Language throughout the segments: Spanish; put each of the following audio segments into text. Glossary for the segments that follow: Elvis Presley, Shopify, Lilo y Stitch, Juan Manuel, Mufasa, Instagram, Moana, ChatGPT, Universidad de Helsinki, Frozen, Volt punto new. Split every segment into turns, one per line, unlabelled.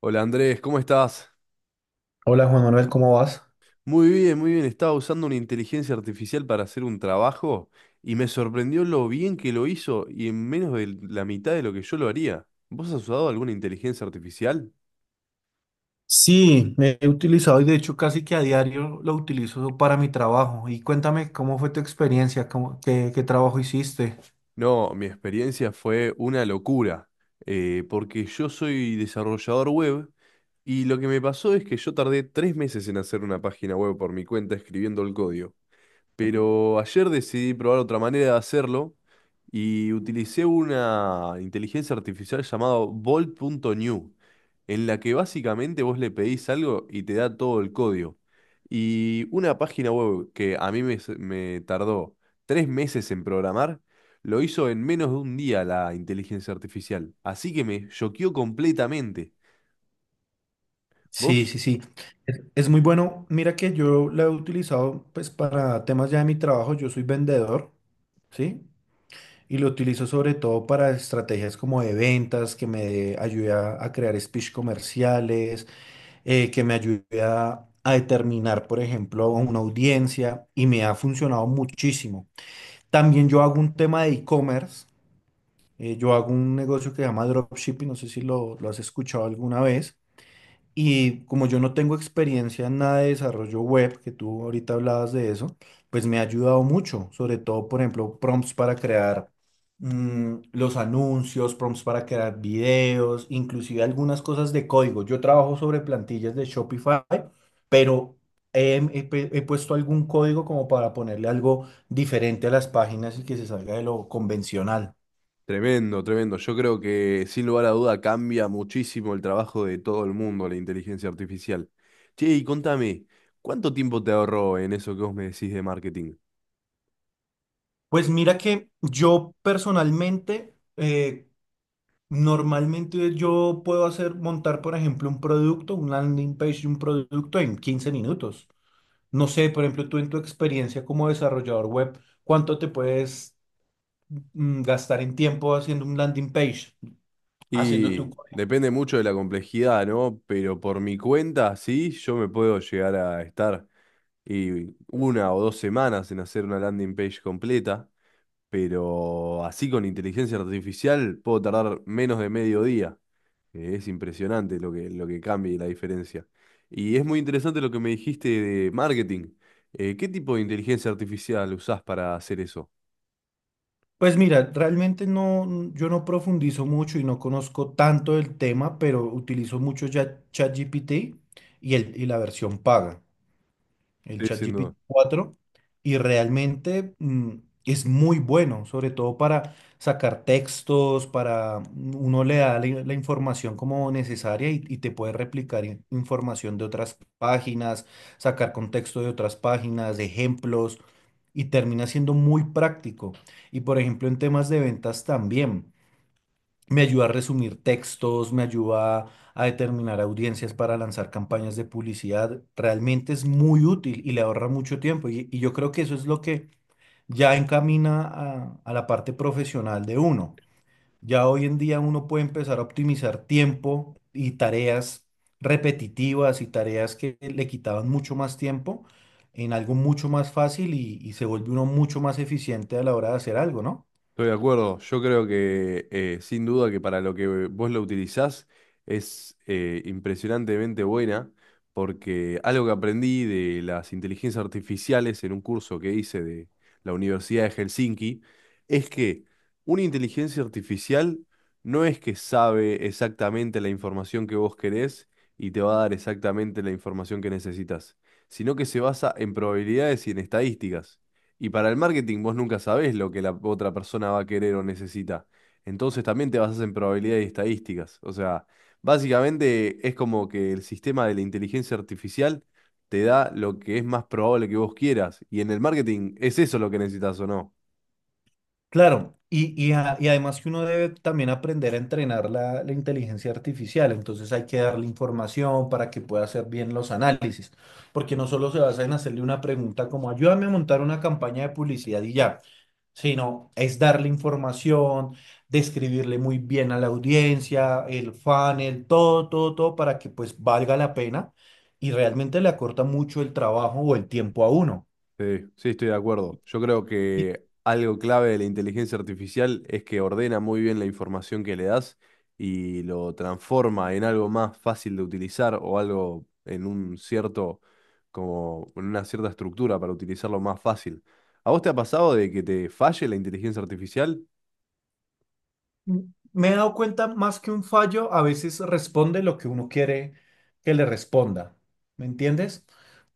Hola Andrés, ¿cómo estás?
Hola Juan Manuel, ¿cómo vas?
Muy bien, muy bien. Estaba usando una inteligencia artificial para hacer un trabajo y me sorprendió lo bien que lo hizo y en menos de la mitad de lo que yo lo haría. ¿Vos has usado alguna inteligencia artificial?
Sí, me he utilizado y de hecho casi que a diario lo utilizo para mi trabajo. Y cuéntame cómo fue tu experiencia. ¿Qué trabajo hiciste?
No, mi experiencia fue una locura, porque yo soy desarrollador web y lo que me pasó es que yo tardé 3 meses en hacer una página web por mi cuenta escribiendo el código. Pero ayer decidí probar otra manera de hacerlo y utilicé una inteligencia artificial llamada Volt punto new, en la que básicamente vos le pedís algo y te da todo el código. Y una página web que a mí me tardó 3 meses en programar, lo hizo en menos de un día la inteligencia artificial. Así que me choqueó completamente.
Sí,
¿Vos?
sí, sí. Es muy bueno. Mira que yo la he utilizado pues para temas ya de mi trabajo. Yo soy vendedor, ¿sí? Y lo utilizo sobre todo para estrategias como de ventas, que me ayude a crear speech comerciales, que me ayude a determinar, por ejemplo, a una audiencia, y me ha funcionado muchísimo. También yo hago un tema de e-commerce, yo hago un negocio que se llama dropshipping, no sé si lo has escuchado alguna vez. Y como yo no tengo experiencia en nada de desarrollo web, que tú ahorita hablabas de eso, pues me ha ayudado mucho, sobre todo, por ejemplo, prompts para crear los anuncios, prompts para crear videos, inclusive algunas cosas de código. Yo trabajo sobre plantillas de Shopify, pero he puesto algún código como para ponerle algo diferente a las páginas y que se salga de lo convencional.
Tremendo, tremendo. Yo creo que sin lugar a duda cambia muchísimo el trabajo de todo el mundo la inteligencia artificial. Che, y contame, ¿cuánto tiempo te ahorró en eso que vos me decís de marketing?
Pues mira que yo personalmente, normalmente yo puedo hacer, montar, por ejemplo, un producto, un landing page de un producto en 15 minutos. No sé, por ejemplo, tú en tu experiencia como desarrollador web, ¿cuánto te puedes gastar en tiempo haciendo un landing page, haciendo tu...?
Y depende mucho de la complejidad, ¿no? Pero por mi cuenta, sí, yo me puedo llegar a estar y una o dos semanas en hacer una landing page completa, pero así con inteligencia artificial puedo tardar menos de medio día. Es impresionante lo que cambia y la diferencia. Y es muy interesante lo que me dijiste de marketing. ¿Qué tipo de inteligencia artificial usás para hacer eso?
Pues mira, realmente no, yo no profundizo mucho y no conozco tanto el tema, pero utilizo mucho ya ChatGPT y, y la versión paga, el
Sí,
ChatGPT
siendo.
cuatro y realmente es muy bueno, sobre todo para sacar textos, para uno le da la información como necesaria, y te puede replicar información de otras páginas, sacar contexto de otras páginas, de ejemplos, y termina siendo muy práctico. Y por ejemplo, en temas de ventas también. Me ayuda a resumir textos, me ayuda a determinar audiencias para lanzar campañas de publicidad. Realmente es muy útil y le ahorra mucho tiempo. Y yo creo que eso es lo que ya encamina a la parte profesional de uno. Ya hoy en día uno puede empezar a optimizar tiempo y tareas repetitivas y tareas que le quitaban mucho más tiempo, en algo mucho más fácil, y se vuelve uno mucho más eficiente a la hora de hacer algo, ¿no?
Estoy de acuerdo. Yo creo que sin duda que para lo que vos lo utilizás es impresionantemente buena, porque algo que aprendí de las inteligencias artificiales en un curso que hice de la Universidad de Helsinki es que una inteligencia artificial no es que sabe exactamente la información que vos querés y te va a dar exactamente la información que necesitas, sino que se basa en probabilidades y en estadísticas. Y para el marketing vos nunca sabés lo que la otra persona va a querer o necesita. Entonces también te basas en probabilidades y estadísticas. O sea, básicamente es como que el sistema de la inteligencia artificial te da lo que es más probable que vos quieras. Y en el marketing es eso lo que necesitas o no.
Claro, y además que uno debe también aprender a entrenar la inteligencia artificial, entonces hay que darle información para que pueda hacer bien los análisis, porque no solo se basa en hacerle una pregunta como ayúdame a montar una campaña de publicidad y ya, sino es darle información, describirle muy bien a la audiencia, el funnel, todo, todo, todo, para que pues valga la pena y realmente le acorta mucho el trabajo o el tiempo a uno.
Sí, sí, estoy de acuerdo. Yo creo que algo clave de la inteligencia artificial es que ordena muy bien la información que le das y lo transforma en algo más fácil de utilizar o algo en un cierto, como en una cierta estructura para utilizarlo más fácil. ¿A vos te ha pasado de que te falle la inteligencia artificial?
Me he dado cuenta más que un fallo, a veces responde lo que uno quiere que le responda, ¿me entiendes?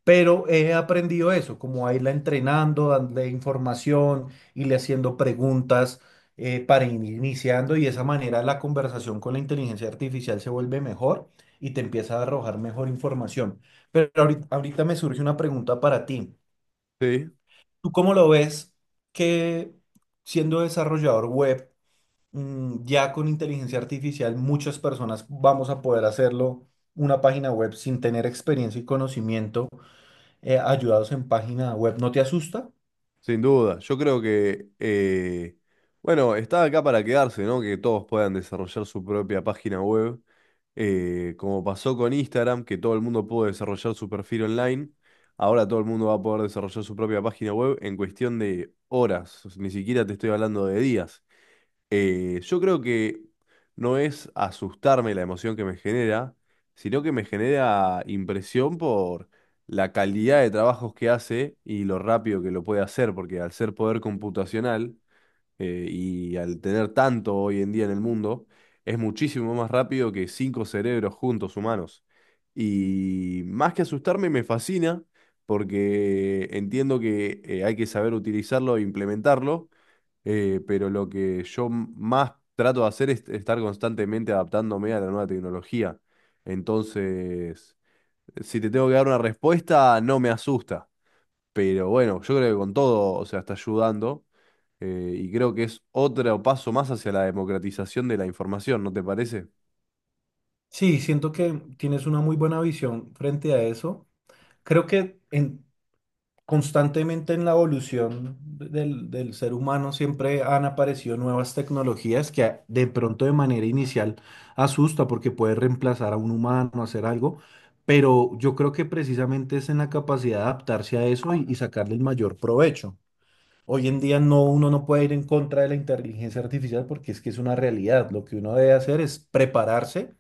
Pero he aprendido eso, como a irla entrenando, darle información, irle haciendo preguntas, para ir iniciando, y de esa manera la conversación con la inteligencia artificial se vuelve mejor y te empieza a arrojar mejor información. Pero ahorita, ahorita me surge una pregunta para ti.
Sí.
¿Tú cómo lo ves que siendo desarrollador web, ya con inteligencia artificial muchas personas vamos a poder hacerlo, una página web, sin tener experiencia y conocimiento, ayudados en página web? ¿No te asusta?
Sin duda, yo creo que, bueno, está acá para quedarse, ¿no? Que todos puedan desarrollar su propia página web, como pasó con Instagram, que todo el mundo pudo desarrollar su perfil online, ahora todo el mundo va a poder desarrollar su propia página web en cuestión de horas, ni siquiera te estoy hablando de días. Yo creo que no es asustarme la emoción que me genera, sino que me genera impresión por la calidad de trabajos que hace y lo rápido que lo puede hacer, porque al ser poder computacional y al tener tanto hoy en día en el mundo, es muchísimo más rápido que cinco cerebros juntos humanos. Y más que asustarme, me fascina porque entiendo que hay que saber utilizarlo e implementarlo, pero lo que yo más trato de hacer es estar constantemente adaptándome a la nueva tecnología. Entonces, si te tengo que dar una respuesta, no me asusta. Pero bueno, yo creo que con todo, o sea, está ayudando. Y creo que es otro paso más hacia la democratización de la información, ¿no te parece?
Sí, siento que tienes una muy buena visión frente a eso. Creo que en... Constantemente en la evolución del ser humano siempre han aparecido nuevas tecnologías que de pronto de manera inicial asusta porque puede reemplazar a un humano, hacer algo, pero yo creo que precisamente es en la capacidad de adaptarse a eso y sacarle el mayor provecho. Hoy en día no, uno no puede ir en contra de la inteligencia artificial porque es que es una realidad. Lo que uno debe hacer es prepararse,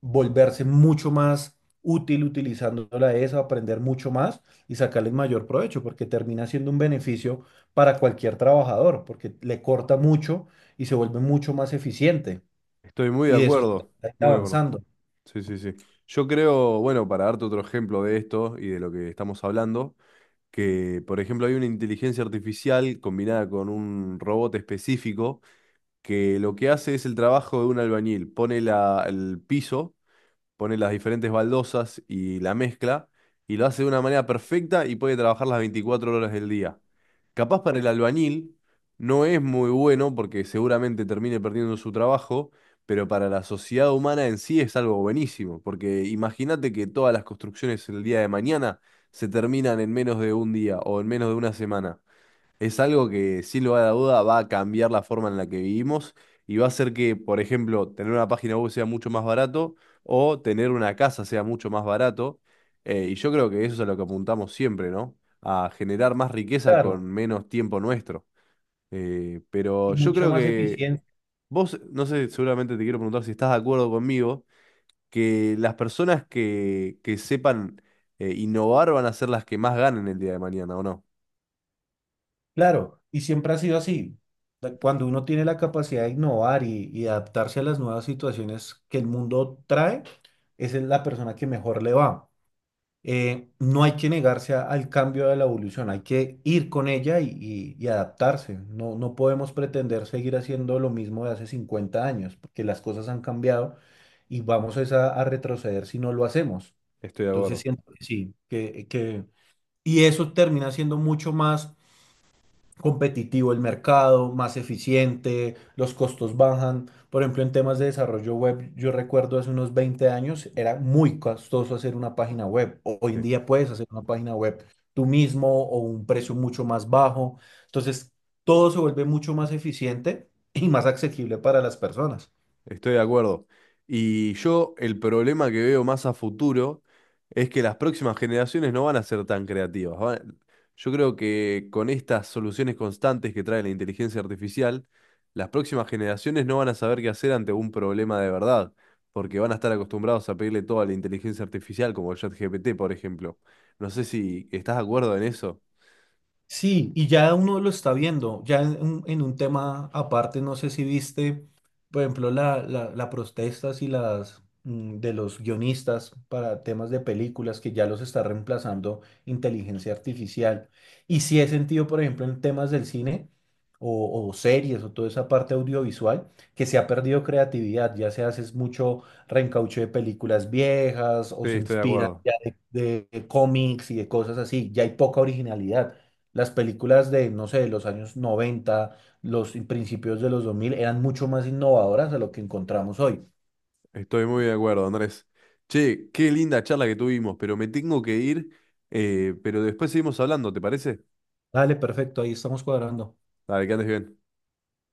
volverse mucho más útil utilizando la ES a aprender mucho más y sacarle el mayor provecho, porque termina siendo un beneficio para cualquier trabajador, porque le corta mucho y se vuelve mucho más eficiente.
Estoy muy de
Y de eso se trata,
acuerdo,
de ir
muy de acuerdo.
avanzando,
Sí, sí, sí. Yo creo, bueno, para darte otro ejemplo de esto y de lo que estamos hablando, que, por ejemplo, hay una inteligencia artificial combinada con un robot específico que lo que hace es el trabajo de un albañil, pone el piso, pone las diferentes baldosas y la mezcla y lo hace de una manera perfecta y puede trabajar las 24 horas del día. Capaz para el albañil no es muy bueno porque seguramente termine perdiendo su trabajo, pero para la sociedad humana en sí es algo buenísimo, porque imagínate que todas las construcciones el día de mañana se terminan en menos de un día o en menos de una semana. Es algo que, sin lugar a duda, va a cambiar la forma en la que vivimos y va a hacer que, por ejemplo, tener una página web sea mucho más barato o tener una casa sea mucho más barato. Y yo creo que eso es a lo que apuntamos siempre, ¿no? A generar más riqueza con
claro,
menos tiempo nuestro.
y
Pero yo
mucha
creo
más
que
eficiencia,
vos, no sé, seguramente te quiero preguntar si estás de acuerdo conmigo, que las personas que sepan innovar van a ser las que más ganen el día de mañana, ¿o no?
claro, y siempre ha sido así. Cuando uno tiene la capacidad de innovar y adaptarse a las nuevas situaciones que el mundo trae, esa es la persona que mejor le va. No hay que negarse al cambio de la evolución, hay que ir con ella y, y adaptarse. No, no podemos pretender seguir haciendo lo mismo de hace 50 años, porque las cosas han cambiado y vamos es a retroceder si no lo hacemos.
Estoy de
Entonces
acuerdo.
siento que sí, y eso termina siendo mucho más competitivo el mercado, más eficiente, los costos bajan. Por ejemplo, en temas de desarrollo web, yo recuerdo hace unos 20 años era muy costoso hacer una página web. Hoy en día puedes hacer una página web tú mismo o un precio mucho más bajo. Entonces, todo se vuelve mucho más eficiente y más accesible para las personas.
Estoy de acuerdo. Y yo el problema que veo más a futuro es que las próximas generaciones no van a ser tan creativas. Yo creo que con estas soluciones constantes que trae la inteligencia artificial, las próximas generaciones no van a saber qué hacer ante un problema de verdad, porque van a estar acostumbrados a pedirle todo a la inteligencia artificial, como el ChatGPT, por ejemplo. No sé si estás de acuerdo en eso.
Sí, y ya uno lo está viendo, ya en un tema aparte, no sé si viste, por ejemplo, la protestas y las de los guionistas para temas de películas que ya los está reemplazando inteligencia artificial. Y sí he sentido, por ejemplo, en temas del cine o series o toda esa parte audiovisual, que se ha perdido creatividad, ya se hace es mucho reencauche de películas viejas o
Sí,
se
estoy de
inspiran
acuerdo.
ya de cómics y de cosas así, ya hay poca originalidad. Las películas de, no sé, de los años 90, los principios de los 2000, eran mucho más innovadoras de lo que encontramos hoy.
Estoy muy de acuerdo, Andrés. Che, qué linda charla que tuvimos, pero me tengo que ir, pero después seguimos hablando, ¿te parece?
Dale, perfecto, ahí estamos cuadrando.
Dale, que andes bien.